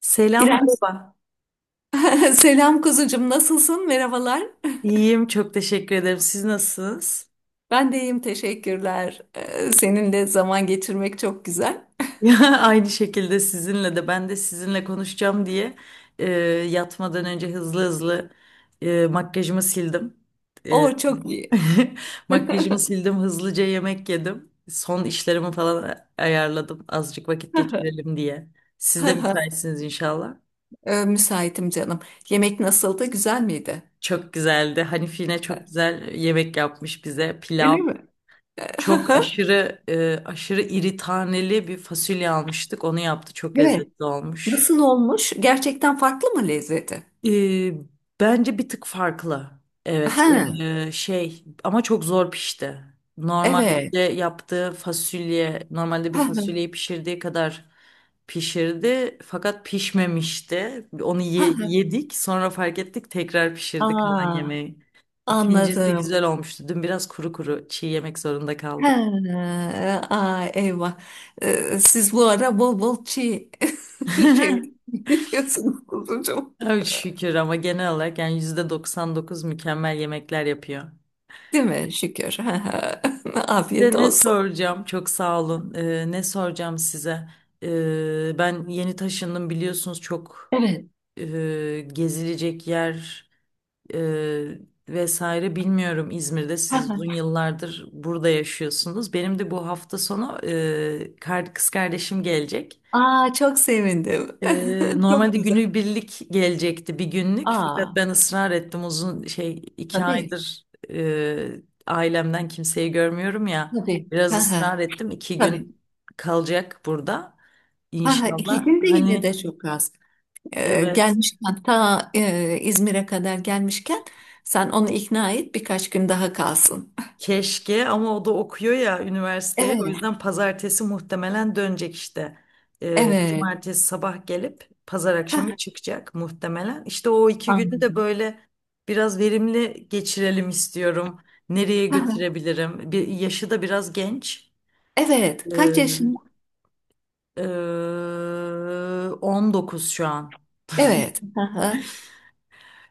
Selam, İrem. merhaba. Selam kuzucum, nasılsın? Merhabalar. İyiyim, çok teşekkür ederim. Siz nasılsınız? Ben de iyiyim, teşekkürler. Seninle zaman geçirmek çok güzel. Ya, aynı şekilde sizinle de ben de sizinle konuşacağım diye e, yatmadan önce hızlı hızlı makyajımı sildim. E, O çok iyi. Makyajımı sildim, hızlıca yemek yedim. Son işlerimi falan ayarladım azıcık vakit geçirelim diye. Siz de müsaitsiniz inşallah. Müsaitim canım. Yemek nasıldı? Güzel miydi? Çok güzeldi. Hanif yine çok güzel yemek yapmış bize. Öyle Pilav. mi? Çok aşırı aşırı iri taneli bir fasulye almıştık. Onu yaptı. Çok Evet. lezzetli olmuş. Nasıl olmuş? Gerçekten farklı mı lezzeti? E, Bence bir tık farklı. Evet. Ha, Şey ama çok zor pişti. evet. Normalde yaptığı fasulye, normalde bir fasulyeyi pişirdiği kadar pişirdi fakat pişmemişti. Onu yedik, sonra fark ettik, tekrar pişirdik kalan Aa, yemeği. İkincisi anladım. güzel olmuştu. Dün biraz kuru kuru çiğ yemek zorunda Ha, kaldık. aa, eyvah. Siz bu ara bol bol çiğ şey yiyorsunuz kuzucuğum. Ay şükür ama genel olarak yani %99 mükemmel yemekler yapıyor. Değil mi? Şükür. Ha, ha. Afiyet De ne olsun. soracağım? Çok sağ olun. Ne soracağım size? Ben yeni taşındım biliyorsunuz çok Evet. Gezilecek yer e, vesaire bilmiyorum İzmir'de. Ha, Siz uzun ha. yıllardır burada yaşıyorsunuz. Benim de bu hafta sonu kız kardeşim gelecek. Aa, çok sevindim. Çok Normalde güzel. günübirlik gelecekti bir günlük fakat Aa, ben ısrar ettim uzun şey iki tabii. aydır ailemden kimseyi görmüyorum ya Tabii. biraz Ha, ha. ısrar ettim iki Tabii. gün kalacak burada Ha, ha. İki inşallah gün de yine de hani çok az. Evet. Gelmişken ta İzmir'e kadar gelmişken sen onu ikna et birkaç gün daha kalsın. Keşke ama o da okuyor ya üniversiteye. O Evet. yüzden pazartesi muhtemelen dönecek işte. Evet. Cumartesi sabah gelip pazar Ha, akşamı ha. çıkacak muhtemelen. İşte o 2 günü de Anladım. böyle biraz verimli geçirelim istiyorum. Nereye götürebilirim? Bir, yaşı da biraz genç. Evet. Kaç yaşın? Ee, e, 19 şu an. Evet. Hı hı.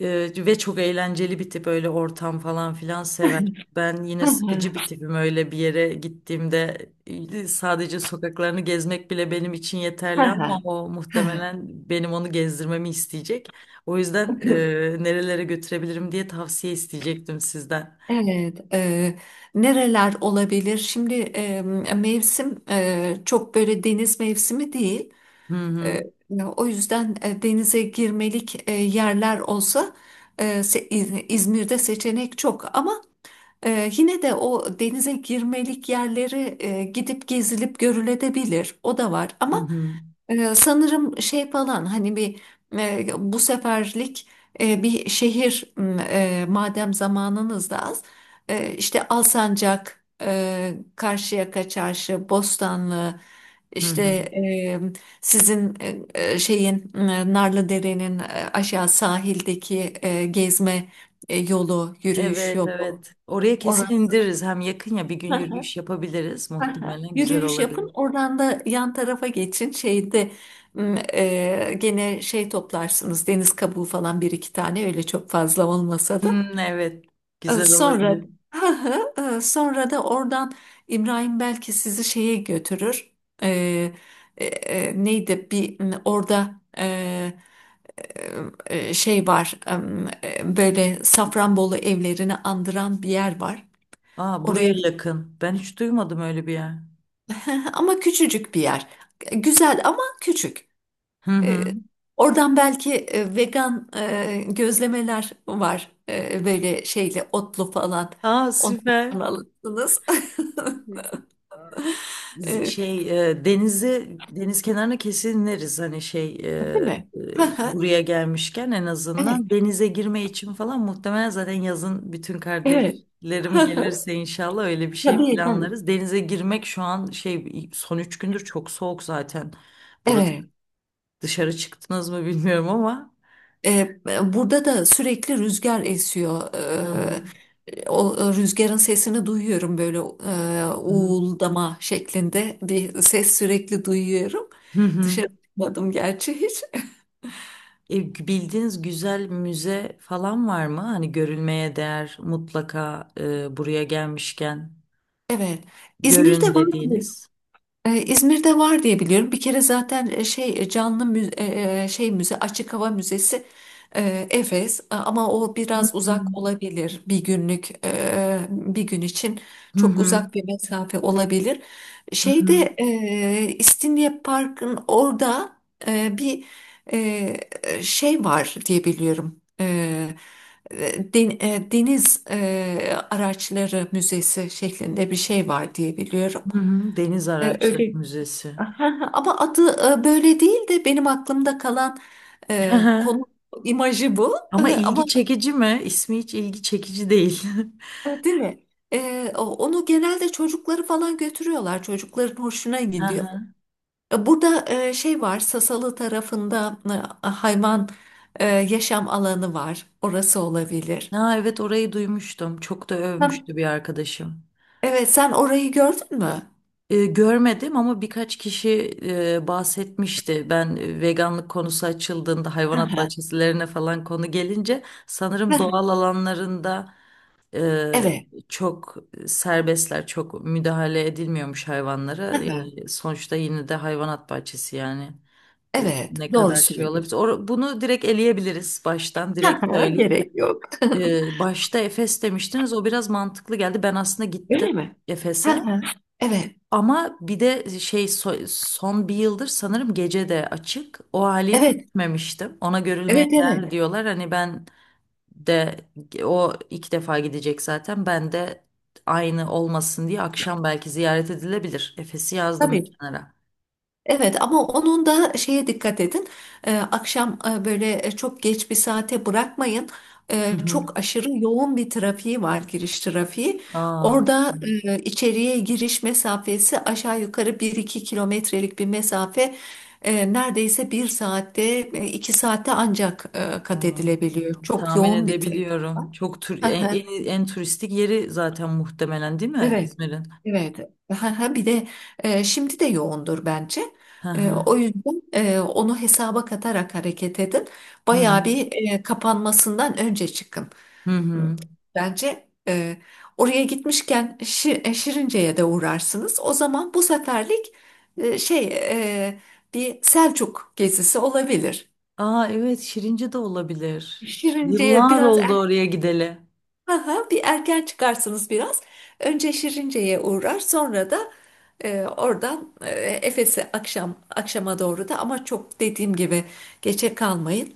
Ve çok eğlenceli bir tip öyle ortam falan filan sever. Ben yine Hı sıkıcı hı. bir tipim öyle bir yere gittiğimde sadece sokaklarını gezmek bile benim için Hı yeterli ama hı. o Hı muhtemelen benim onu gezdirmemi isteyecek. O yüzden hı. Nerelere götürebilirim diye tavsiye isteyecektim sizden. Evet, nereler olabilir? Şimdi mevsim çok böyle deniz mevsimi değil. Hı hı E, O yüzden denize girmelik yerler olsa İzmir'de seçenek çok. Ama yine de o denize girmelik yerleri gidip gezilip görülebilir. O da var. hı Ama hı. Sanırım şey falan hani bir bu seferlik bir şehir madem zamanınız da az işte Alsancak, Karşıyaka Çarşı, Bostanlı Hı işte hı. Sizin şeyin Narlıdere'nin aşağı sahildeki gezme yolu, yürüyüş Evet, yolu evet. Oraya kesin orası. indiririz. Hem yakın ya bir gün yürüyüş yapabiliriz. Aha, Muhtemelen güzel yürüyüş olabilir. yapın. Oradan da yan tarafa geçin. Şeyde gene şey toplarsınız. Deniz kabuğu falan bir iki tane öyle çok fazla olmasa da. Hmm, evet. Güzel Sonra olabilir. Sonra da oradan İbrahim belki sizi şeye götürür. E, Neydi bir orada şey var. Böyle Safranbolu evlerini andıran bir yer var. Aa, Oraya buraya yakın. Ben hiç duymadım öyle bir yer. ama küçücük bir yer. Güzel ama küçük. Hı E, hı. Oradan belki vegan gözlemeler var. Böyle şeyle otlu falan. Aa, süper. Onlardan alırsınız. E, Şey denizi deniz kenarına kesin ineriz hani şey değil mi? Hı hı. buraya gelmişken en Evet. azından denize girme için falan muhtemelen zaten yazın bütün Evet. Hı kardeşlerim hı. gelirse inşallah öyle bir şey Tabii tabii. planlarız. Denize girmek şu an şey son 3 gündür çok soğuk zaten. Burası Evet. dışarı çıktınız mı bilmiyorum ama. E, Burada da sürekli rüzgar esiyor. Hı hı. O rüzgarın sesini duyuyorum böyle Hı hı. uğuldama şeklinde bir ses sürekli duyuyorum. Hı hı. Dışarı çıkmadım gerçi hiç. Bildiğiniz güzel müze falan var mı? Hani görülmeye değer mutlaka buraya gelmişken Evet. görün İzmir'de var mı? dediğiniz. İzmir'de var diye biliyorum. Bir kere zaten şey canlı şey müze açık hava müzesi Efes. Ama o Hı biraz hı. uzak olabilir bir günlük bir gün için Hı çok hı. uzak bir mesafe olabilir. Hı hı. Şeyde İstinye Park'ın orada bir şey var diye biliyorum. Deniz Araçları Müzesi şeklinde bir şey var diye biliyorum. Hı hı. Deniz Araçları Öyle Müzesi. aha, ama adı böyle değil de benim aklımda kalan Hı hı. konu imajı bu. Ama Ama ilgi çekici mi? İsmi hiç ilgi çekici değil. Değil mi? Onu genelde çocukları falan götürüyorlar. Çocukların hoşuna Hı gidiyor. hı. Burada şey var, Sasalı tarafında hayvan yaşam alanı var. Orası olabilir. Ha, evet orayı duymuştum. Çok da Hı. övmüştü bir arkadaşım. Evet, sen orayı gördün mü? Görmedim ama birkaç kişi bahsetmişti. Ben veganlık konusu açıldığında Hı hayvanat hı. bahçesilerine falan konu gelince Hı sanırım hı. doğal alanlarında e, Evet. çok serbestler, çok müdahale edilmiyormuş Hı hayvanlara. hı. Yani sonuçta yine de hayvanat bahçesi yani. Evet, Ne doğru kadar şey olabilir. söylüyorsun. Bunu direkt eleyebiliriz baştan Hı direkt hı, söyleyeyim. gerek yok. Başta Efes demiştiniz o biraz mantıklı geldi. Ben aslında gittim Öyle mi? Hı Efes'e. hı. Evet. Ama bir de şey son bir yıldır sanırım gece de açık. O haliyle Evet, gitmemiştim. Ona görülmeye evet, değer evet. diyorlar. Hani ben de o 2 defa gidecek zaten. Ben de aynı olmasın diye akşam belki ziyaret edilebilir. Efes'i yazdım bir Tabii. kenara. Evet ama onun da şeye dikkat edin. Akşam böyle çok geç bir saate bırakmayın. Hı hı. Çok aşırı yoğun bir trafiği var, giriş trafiği. Aa, Orada içeriye giriş mesafesi aşağı yukarı bir iki kilometrelik bir mesafe. Neredeyse bir saatte, iki saatte ancak kat aa, edilebiliyor. Çok tahmin yoğun bir trafik edebiliyorum. Çok var. En turistik yeri zaten muhtemelen değil mi Evet, İzmir'in? evet. Ha, ha, bir de şimdi de yoğundur bence. Hı hı. O yüzden onu hesaba katarak hareket edin. Hı hı. Bayağı bir kapanmasından önce çıkın. Hı Hı, hı. bence oraya gitmişken Şirince'ye de uğrarsınız. O zaman bu seferlik şey e, bir Selçuk gezisi olabilir. Aa, evet Şirince de olabilir. Şirince'ye Yıllar biraz oldu oraya gideli. aha, bir erken çıkarsınız biraz. Önce Şirince'ye uğrar, sonra da oradan Efes'e akşam akşama doğru da ama çok dediğim gibi geçe kalmayın.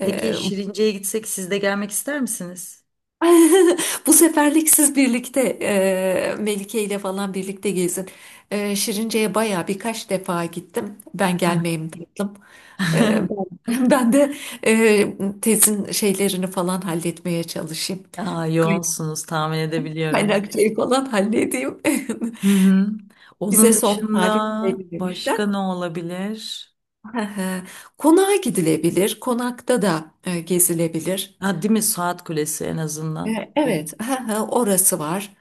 Peki E, Şirince'ye gitsek siz de gelmek ister misiniz? Bu seferlik siz birlikte Melike ile falan birlikte gezin. Şirince'ye baya birkaç defa gittim. Ben Hah. gelmeyeyim tatlım. E, Ben de tezin şeylerini falan halletmeye çalışayım. Aa, kaynak yoğunsunuz tahmin edebiliyorum. Kaynakçayı falan halledeyim. Hı hı. Bize Onun son tarih dışında başka belirlemişler. ne olabilir? Konağa gidilebilir. Konakta da gezilebilir. Ha, değil mi Saat Kulesi en azından. E, Evet, orası var.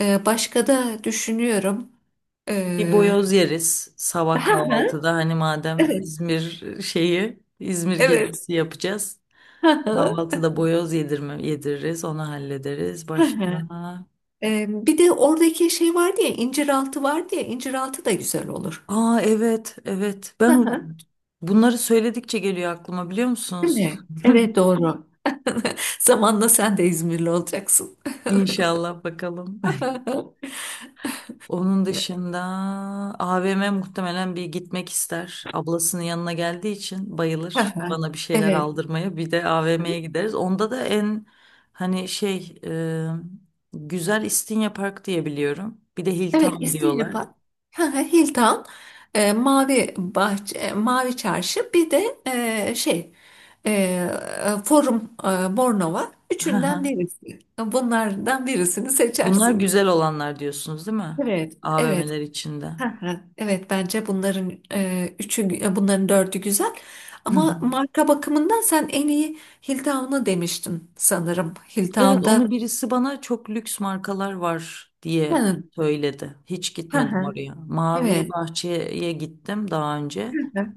Başka da düşünüyorum. Bir E, boyoz yeriz sabah kahvaltıda. Hani madem Evet, İzmir şeyi İzmir evet. gezisi yapacağız. Kahvaltıda boyoz yedirme, yediririz onu hallederiz. Başka? Bir de oradaki şey vardı ya, inciraltı vardı ya, inciraltı da güzel olur. Aa, evet evet ben bunları söyledikçe geliyor aklıma biliyor Değil musunuz? mi? Evet, doğru. Zamanla sen de İzmirli olacaksın. İnşallah bakalım. Onun dışında AVM muhtemelen bir gitmek ister. Ablasının yanına geldiği için bayılır bana bir şeyler Evet. aldırmaya. Bir de AVM'ye gideriz. Onda da en hani şey güzel İstinye Park diye biliyorum. Bir de Evet, Hilltown diyorlar. İsteyapa, hı Hilton, Mavi Bahçe, Mavi Çarşı, bir de şey, e, Forum Bornova. Hı Üçünden hı. birisi. Bunlardan birisini Bunlar seçersiniz. güzel olanlar diyorsunuz değil mi? Evet, evet. AVM'ler içinde. Hı hı, evet, bence bunların üçü, bunların dördü güzel. Hı hı. Ama marka bakımından sen en iyi Hilltown'u demiştin sanırım. Evet onu Hilltown'da. birisi bana çok lüks markalar var diye Hı, söyledi. Hiç hı, gitmedim hı. oraya. Mavi Evet. Bahçe'ye gittim daha önce. Hı hı.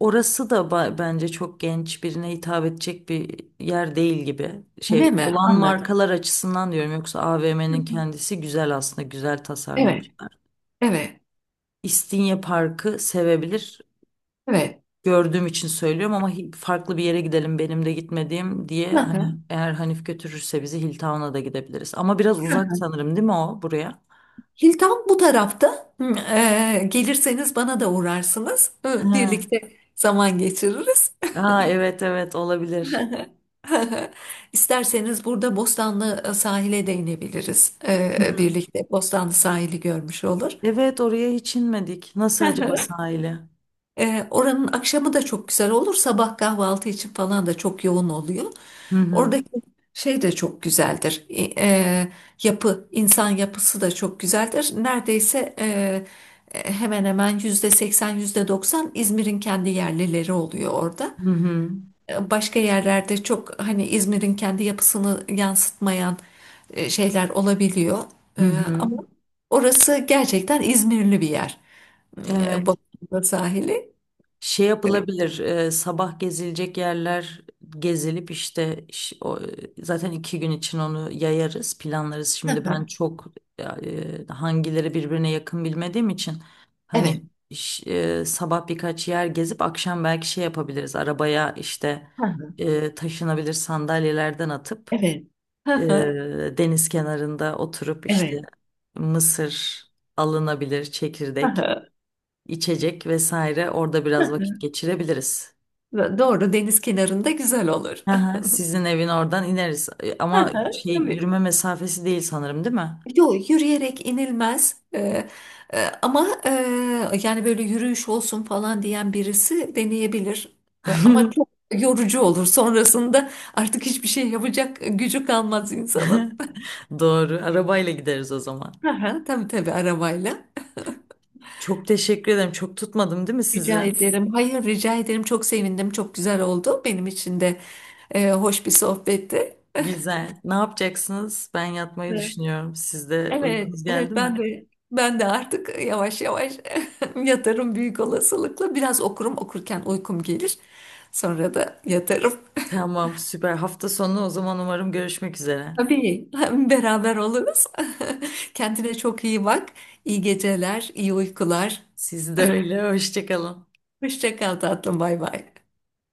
Orası da bence çok genç birine hitap edecek bir yer değil gibi. Şey Öyle mi? olan Anladım. markalar açısından diyorum yoksa Hı AVM'nin hı. kendisi güzel aslında güzel Evet. tasarlamışlar. Evet. İstinye Parkı sevebilir, Evet. gördüğüm için söylüyorum ama farklı bir yere gidelim benim de gitmediğim diye Hı hani hı. eğer Hanif götürürse bizi Hilltown'a da gidebiliriz. Ama biraz uzak sanırım değil mi o buraya? Hilton bu tarafta. Hı, gelirseniz bana da uğrarsınız. Hı, Ha. birlikte zaman geçiririz. Aa, evet evet olabilir. İsterseniz burada Bostanlı sahile de inebiliriz. Hı hı. Birlikte Bostanlı sahili görmüş olur. Evet oraya hiç inmedik. Nasıl acaba sahili? Oranın akşamı da çok güzel olur. Sabah kahvaltı için falan da çok yoğun oluyor. Hı hı. Oradaki şey de çok güzeldir. Yapı, insan yapısı da çok güzeldir. Neredeyse hemen hemen %80, yüzde doksan İzmir'in kendi yerlileri oluyor orada. Hı hı. Başka yerlerde çok hani İzmir'in kendi yapısını yansıtmayan şeyler olabiliyor. Hı hı. Ama orası gerçekten İzmirli bir yer. Evet. Boğaz'ın sahili. Şey yapılabilir, sabah gezilecek yerler gezilip işte zaten 2 gün için onu yayarız, planlarız. Hı Şimdi ben hı. çok hangileri birbirine yakın bilmediğim için hani Evet. ş- sabah birkaç yer gezip akşam belki şey yapabiliriz. Arabaya işte Hı hı. Taşınabilir sandalyelerden atıp Evet. Hı e, hı. deniz kenarında oturup işte Evet. mısır alınabilir, Hı çekirdek hı. içecek vesaire orada biraz vakit geçirebiliriz. Doğru, deniz kenarında güzel olur. Hı hı, sizin evin oradan ineriz, Hı ama hı, şey tabii. yürüme mesafesi değil sanırım değil mi? Yok, yürüyerek inilmez. Ama yani böyle yürüyüş olsun falan diyen birisi deneyebilir. Ama çok yorucu olur. Sonrasında artık hiçbir şey yapacak gücü kalmaz insanın. Doğru. Arabayla gideriz o zaman. Hı hı, tabii tabii arabayla. Çok teşekkür ederim. Çok tutmadım değil mi Rica size? ederim. Hayır, rica ederim. Çok sevindim. Çok güzel oldu. Benim için de hoş bir sohbetti. Güzel. Ne yapacaksınız? Ben yatmayı düşünüyorum. Sizde Evet, uykunuz geldi evet ben mi? de ben de artık yavaş yavaş yatarım büyük olasılıkla. Biraz okurum, okurken uykum gelir. Sonra da yatarım. Tamam, süper. Hafta sonu o zaman umarım görüşmek üzere. Tabii beraber oluruz. Kendine çok iyi bak. İyi geceler, iyi uykular. Siz de öyle. Hoşça kalın. Hoşça kal tatlım, bay bay.